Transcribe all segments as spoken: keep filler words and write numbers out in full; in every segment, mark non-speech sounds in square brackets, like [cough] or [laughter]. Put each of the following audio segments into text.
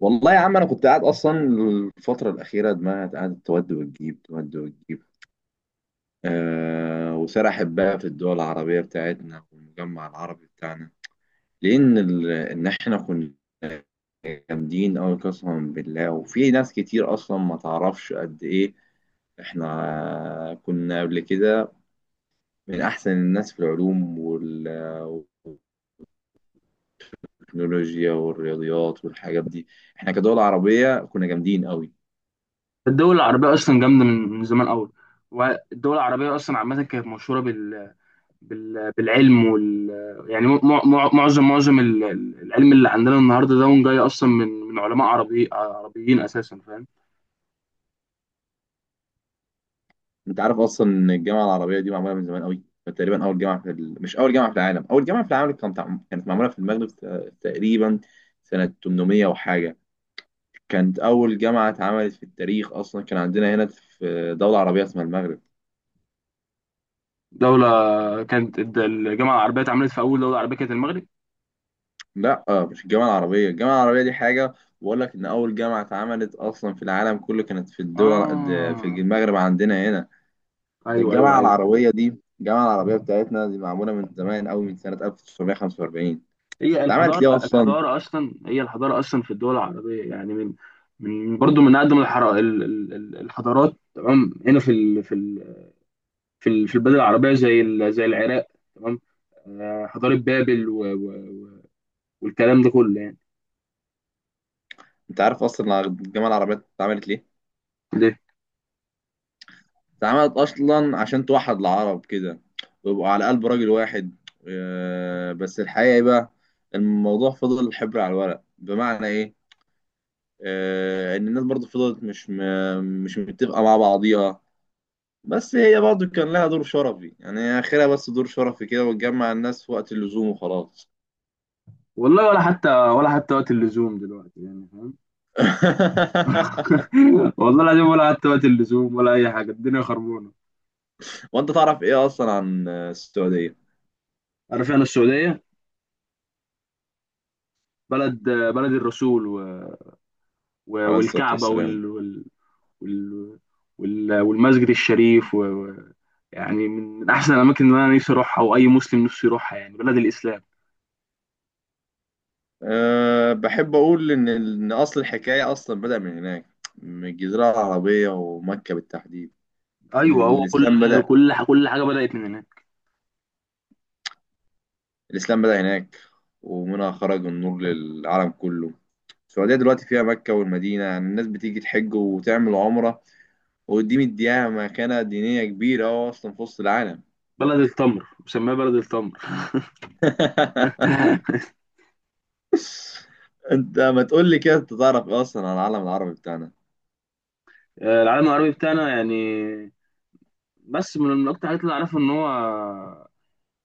والله يا عم انا كنت قاعد اصلا. الفتره الاخيره دماغي قاعده تود وتجيب تود وتجيب. آه وسرحت بقى في الدول العربيه بتاعتنا والمجمع العربي بتاعنا، لان ال- ان احنا كنا جامدين قوي، قسما بالله. وفي ناس كتير اصلا ما تعرفش قد ايه احنا كنا قبل كده من احسن الناس في العلوم وال- والتكنولوجيا والرياضيات والحاجات دي. احنا كدول عربيه كنا جامدين قوي. الدول العربية أصلا جامدة من من زمان أوي. والدول العربية أصلا عامة كانت مشهورة بال... بال... بالعلم وال يعني م... م... معظم معظم ال- ال- العلم اللي عندنا النهاردة ده جاي أصلا من من علماء عربي عربيين أساسا، فاهم؟ انت عارف اصلا ان الجامعه العربيه دي معموله من زمان قوي؟ تقريبا اول جامعه في ال... مش اول جامعه في العالم. اول جامعه في العالم كانت كانت معموله في المغرب، ت- تقريبا سنه ثمنمية وحاجه. كانت اول جامعه اتعملت في التاريخ اصلا، كان عندنا هنا في دوله عربيه اسمها المغرب. دولة كانت الد- الجامعة العربية اتعملت في أول دولة عربية كانت المغرب. لا آه، مش الجامعه العربيه، الجامعه العربيه دي حاجه. بقول لك ان اول جامعه اتعملت اصلا في العالم كله كانت في الدول، في آه، المغرب عندنا هنا. ده أيوه أيوه الجامعه أيوه. العربيه دي، الجامعه العربيه بتاعتنا دي معموله من زمان قوي، من سنه ألف وتسعمية وخمسة وأربعين. هي اتعملت ليه الحضارة اصلا؟ الحضارة أصلا، هي الحضارة أصلا في الدول العربية يعني من، من برضه من أقدم الحر... ال- ال- ال- الحضارات، تمام، هنا في ال... في ال... في ال- في البلاد العربيه زي ال- زي العراق، تمام. آه، حضاره بابل و... و... و- والكلام ده كله يعني. انت عارف اصلا الجامعه العربيه اتعملت ليه؟ ليه؟ اتعملت اصلا عشان توحد العرب كده ويبقوا على قلب راجل واحد. آه، بس الحقيقه ايه بقى؟ الموضوع فضل حبر على الورق. بمعنى ايه؟ آه، ان الناس برضو فضلت مش م- مش متفقه مع بعضيها. بس هي برضو كان لها دور شرفي، يعني هي اخرها بس دور شرفي كده، وتجمع الناس في وقت اللزوم وخلاص. والله ولا حتى، ولا حتى وقت اللزوم دلوقتي، يعني فاهم؟ [laughs] [laughs] والله العظيم ولا حتى وقت اللزوم ولا اي حاجه، الدنيا خربانه. وانت تعرف ايه اصلا عن السعوديه؟ عارف انا السعوديه، بلد، بلد الرسول و... و... عليه الصلاه والكعبه والسلام. وال... وال... وال... وال... والمسجد الشريف و... و... يعني من من احسن الاماكن اللي انا نفسي اروحها، واي مسلم نفسه يروحها، يعني بلد الاسلام. أه، بحب أقول إن إن أصل الحكاية أصلا بدأ من هناك، من الجزيرة العربية ومكة بالتحديد. ايوه، هو كل، الإسلام بدأ. كل كل حاجه بدات من هناك. الإسلام بدأ هناك ومنها خرج النور للعالم كله. السعودية دلوقتي فيها مكة والمدينة، يعني الناس بتيجي تحج وتعمل عمرة. وقديم مديها مكانة دينية كبيرة أهو أصلا في وسط العالم. بلد التمر، مسميها بلد التمر. [laughs] [laughs] أنت ما تقول لي كده، أنت تعرف إيه أصلا عن العالم العربي بتاعنا؟ آه، العالم العربي بتاعنا يعني، بس من من اكتر الحاجات اللي اعرفها ان هو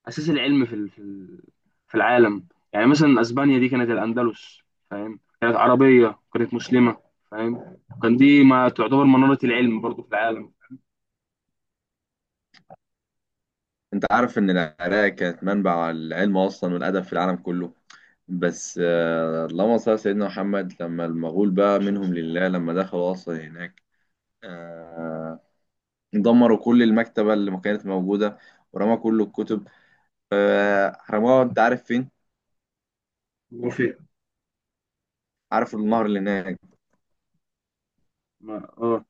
اساس العلم في ال- في ال- في العالم. يعني مثلا اسبانيا دي كانت الاندلس، فاهم؟ كانت عربيه، كانت مسلمه، فاهم؟ كان دي ما تعتبر مناره العلم برضو في العالم. أنت عارف إن العراق كانت منبع العلم أصلا والأدب في العالم كله. بس آه، اللهم صل على سيدنا محمد، لما المغول بقى منهم لله، لما دخلوا أصلا هناك، آه، دمروا كل المكتبة اللي ما كانت موجودة ورموا كل الكتب. آه، رموها. أنت عارف فين؟ وفي عارف النهر اللي هناك، ما اه،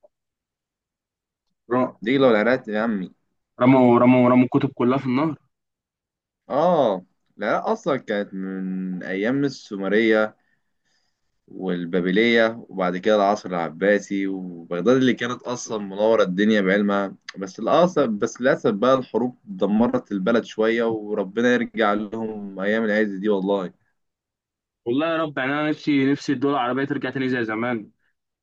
را- دجلة والعراق يا عمي. رموا رموا رموا الكتب كلها في النهر. آه. العراق أصلا كانت من أيام السومرية والبابلية وبعد كده العصر العباسي وبغداد اللي كانت أصلا منورة الدنيا بعلمها. بس للأسف، بس للأسف بقى، الحروب دمرت البلد شوية، وربنا يرجع لهم أيام العز دي والله. والله يا رب، يعني انا نفسي، نفسي الدول العربيه ترجع تاني زي زمان،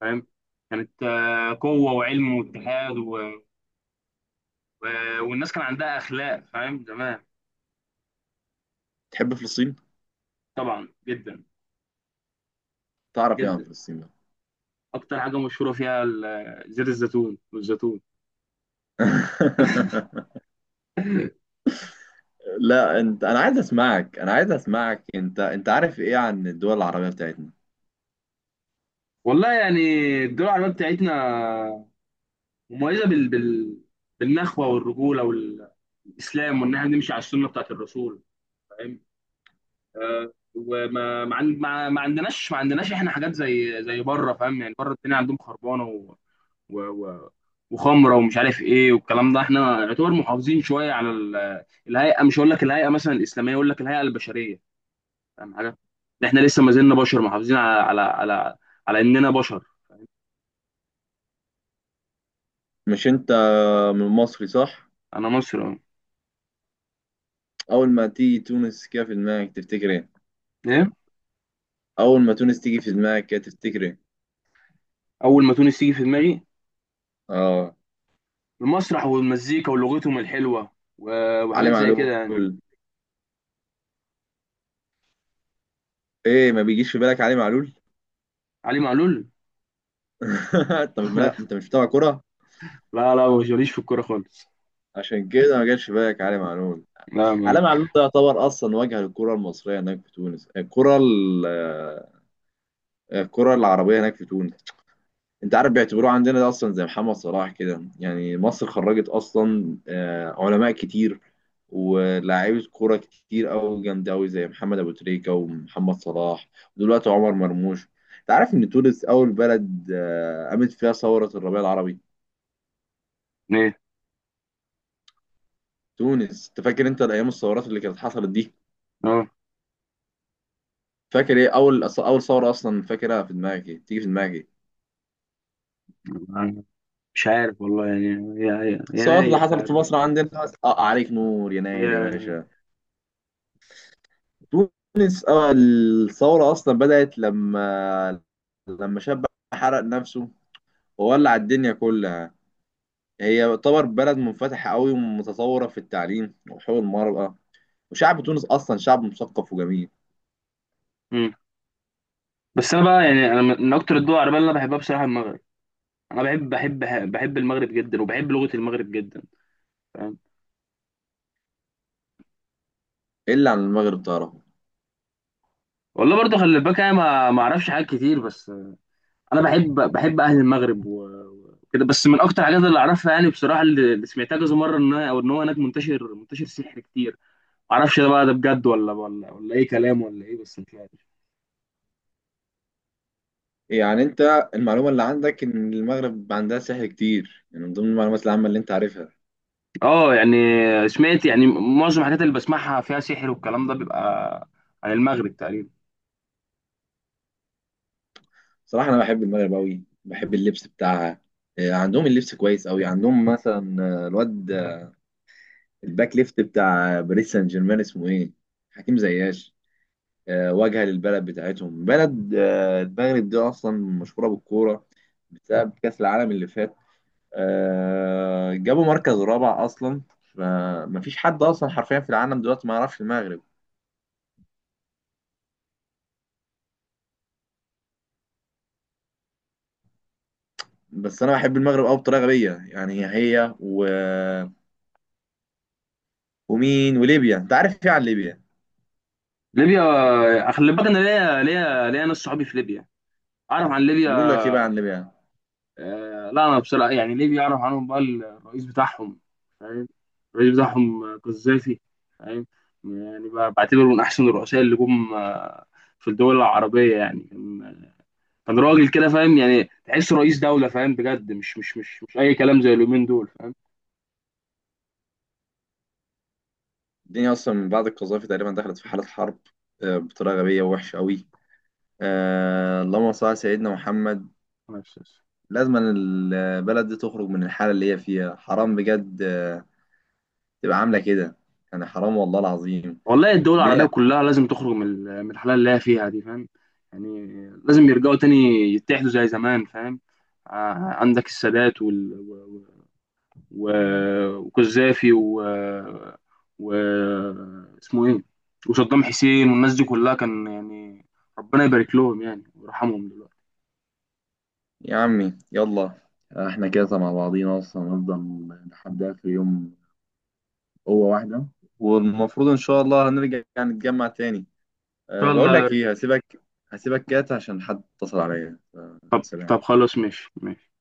فاهم؟ كانت آه، قوه وعلم واتحاد، و- والناس كان عندها اخلاق، فاهم؟ زمان. تحب فلسطين؟ طبعا جدا، تعرف إيه عن جدا. فلسطين بقى؟ اكتر حاجه مشهوره فيها ال- زيت الزيتون والزيتون. [laughs] لا أنت، أنا عايز أسمعك أنا عايز أسمعك. أنت أنت عارف إيه عن الدول العربية بتاعتنا؟ والله يعني الدول العربيه بتاعتنا مميزه بال... بال... بالنخوه والرجوله والاسلام، وان احنا نمشي على السنه بتاعت الرسول، فاهم؟ آه، وما ما, عن... ما... ما عندناش، ما عندناش احنا حاجات زي زي بره، فاهم؟ يعني بره الدنيا عندهم خربانه و... و... و... وخمره ومش عارف ايه، والكلام ده احنا يعتبر محافظين شويه على ال- الهيئه. مش هقول لك الهيئه مثلا الاسلاميه، اقول لك الهيئه البشريه، فاهم حاجه؟ ده احنا لسه ما زلنا بشر محافظين على، على على على اننا بشر. مش أنت من مصري صح؟ انا مصري أهو. أول ما تيجي تونس كده في دماغك تفتكر إيه؟ ايه؟ أول ما تونس تيجي في دماغك كده تفتكر إيه؟ اول ما تونس تيجي في دماغي آه. المسرح والمزيكا ولغتهم الحلوه و- علي وحاجات زي كده يعني. معلول. ايه، ما بيجيش في بالك علي معلول؟ علي معلول؟ [laughs] انت مش، لا انت [laughs] مش بتابع كرة. لا لا، مش ماليش في الكوره خالص. عشان كده ما جاش في بالك علي معلول. لا ما. علي معلول ده يعتبر اصلا واجهة للكرة المصرية هناك في تونس، الكرة ال- آه، الكرة العربية هناك في تونس. انت عارف بيعتبروه عندنا ده اصلا زي محمد صلاح كده، يعني مصر خرجت اصلا آه، علماء كتير ولاعيبة كرة كتير أوي جامدة أوي زي محمد أبو تريكة ومحمد صلاح ودلوقتي عمر مرموش. انت عارف ان تونس اول بلد آه، قامت فيها ثورة الربيع العربي؟ ايه؟ تونس. انت فاكر انت الايام الثورات اللي كانت حصلت دي، اه، فاكر ايه اول أص- اول ثوره اصلا فاكرها في دماغك؟ ايه تيجي في دماغك ايه؟ مش عارف والله، يعني هي، هي الثورات اللي يناير حصلت في تقريبا. مصر عندنا. اه، عليك نور يناير يا باشا. تونس، اه، الثوره اصلا بدات لما لما شاب حرق نفسه وولع الدنيا كلها. هي يعتبر بلد منفتحه قوي ومتطوره في التعليم وحقوق المرأة، وشعب تونس اصلا شعب مثقف وجميل. هي بس انا بقى يعني، انا من اكتر الدول العربيه اللي انا بحبها بصراحه المغرب. انا بحب، بحب بحب المغرب جدا، وبحب لغه المغرب جدا، فاهم؟ الا عن المغرب تعرفه؟ والله برضه خلي بالك انا ما ما اعرفش حاجات كتير، بس انا بحب، بحب اهل المغرب و- وكده. بس من اكتر الحاجات اللي اعرفها يعني بصراحه، اللي اللي سمعتها كذا مره ان، او ان هو هناك منتشر، منتشر سحر كتير. ما اعرفش ده بقى، ده بجد ولا، ولا ولا اي كلام، ولا ايه؟ بس مش عارف. يعني انت المعلومه اللي عندك ان المغرب عندها سحر كتير، يعني من ضمن المعلومات العامه اللي انت عارفها. اه يعني، سمعت يعني معظم الحاجات اللي بسمعها فيها سحر والكلام ده، بيبقى عن المغرب تقريبا. صراحه انا بحب المغرب قوي، بحب اللبس بتاعها. آه، عندهم اللبس كويس قوي. عندهم مثلا، آه، الواد آه، الباك ليفت بتاع باريس سان جيرمان، اسمه ايه، حكيم زياش. آه، واجهه للبلد بتاعتهم. بلد آه، المغرب دي اصلا مشهوره بالكوره بسبب كاس العالم اللي فات. آه، جابوا مركز رابع اصلا. فمفيش حد اصلا حرفيا في العالم دلوقتي ما يعرفش المغرب. بس انا بحب المغرب قوي بطريقه غبيه، يعني. هي و... ومين وليبيا. انت عارف ايه عن ليبيا؟ ليبيا؟ آه، خلي بالك انا ليا، ليا ليا ناس صحابي في ليبيا، اعرف عن ليبيا. بيقول لك ايه بقى عن ليبيا؟ آه، لا انا بصراحه يعني ليبيا اعرف عنهم بقى الرئيس بتاعهم، فاهم؟ الرئيس بتاعهم آه، قذافي، فاهم؟ يعني ب- بعتبره من احسن الرؤساء اللي جم آه، في الدول العربيه، يعني كان آه، كان راجل كده، فاهم؟ يعني تحسه رئيس دوله، فاهم؟ بجد، مش مش مش مش اي كلام زي اليومين دول، فاهم؟ الدنيا اصلا من بعد القذافي تقريبا دخلت في حاله حرب، آه، بطريقه غبيه ووحشه قوي. آه، اللهم صل على سيدنا محمد. بس- لازم البلد دي تخرج من الحاله اللي هي فيها، حرام بجد. آه، تبقى عامله كده، يعني حرام والله العظيم. والله الدول العربية بلا كلها لازم تخرج من ال- من الحالة اللي هي فيها دي، فاهم؟ يعني لازم يرجعوا تاني، يتحدوا زي زمان، فاهم؟ ع- عندك السادات وال... و... و... وقذافي و... و... اسمه ايه، وصدام حسين والناس دي كلها، كان يعني ربنا يبارك لهم يعني، ويرحمهم دلوقتي. يا عمي، يلا. آه، احنا كده مع بعضينا اصلا هنفضل لحد اخر يوم. هو واحدة، والمفروض إن شاء الله هنرجع يعني نتجمع تاني. ان أه، شاء بقول الله يا لك رب. إيه، هسيبك. هسيبك كات عشان حد اتصل عليا. أه، طب سلام. طب خلاص، ماشي ماشي.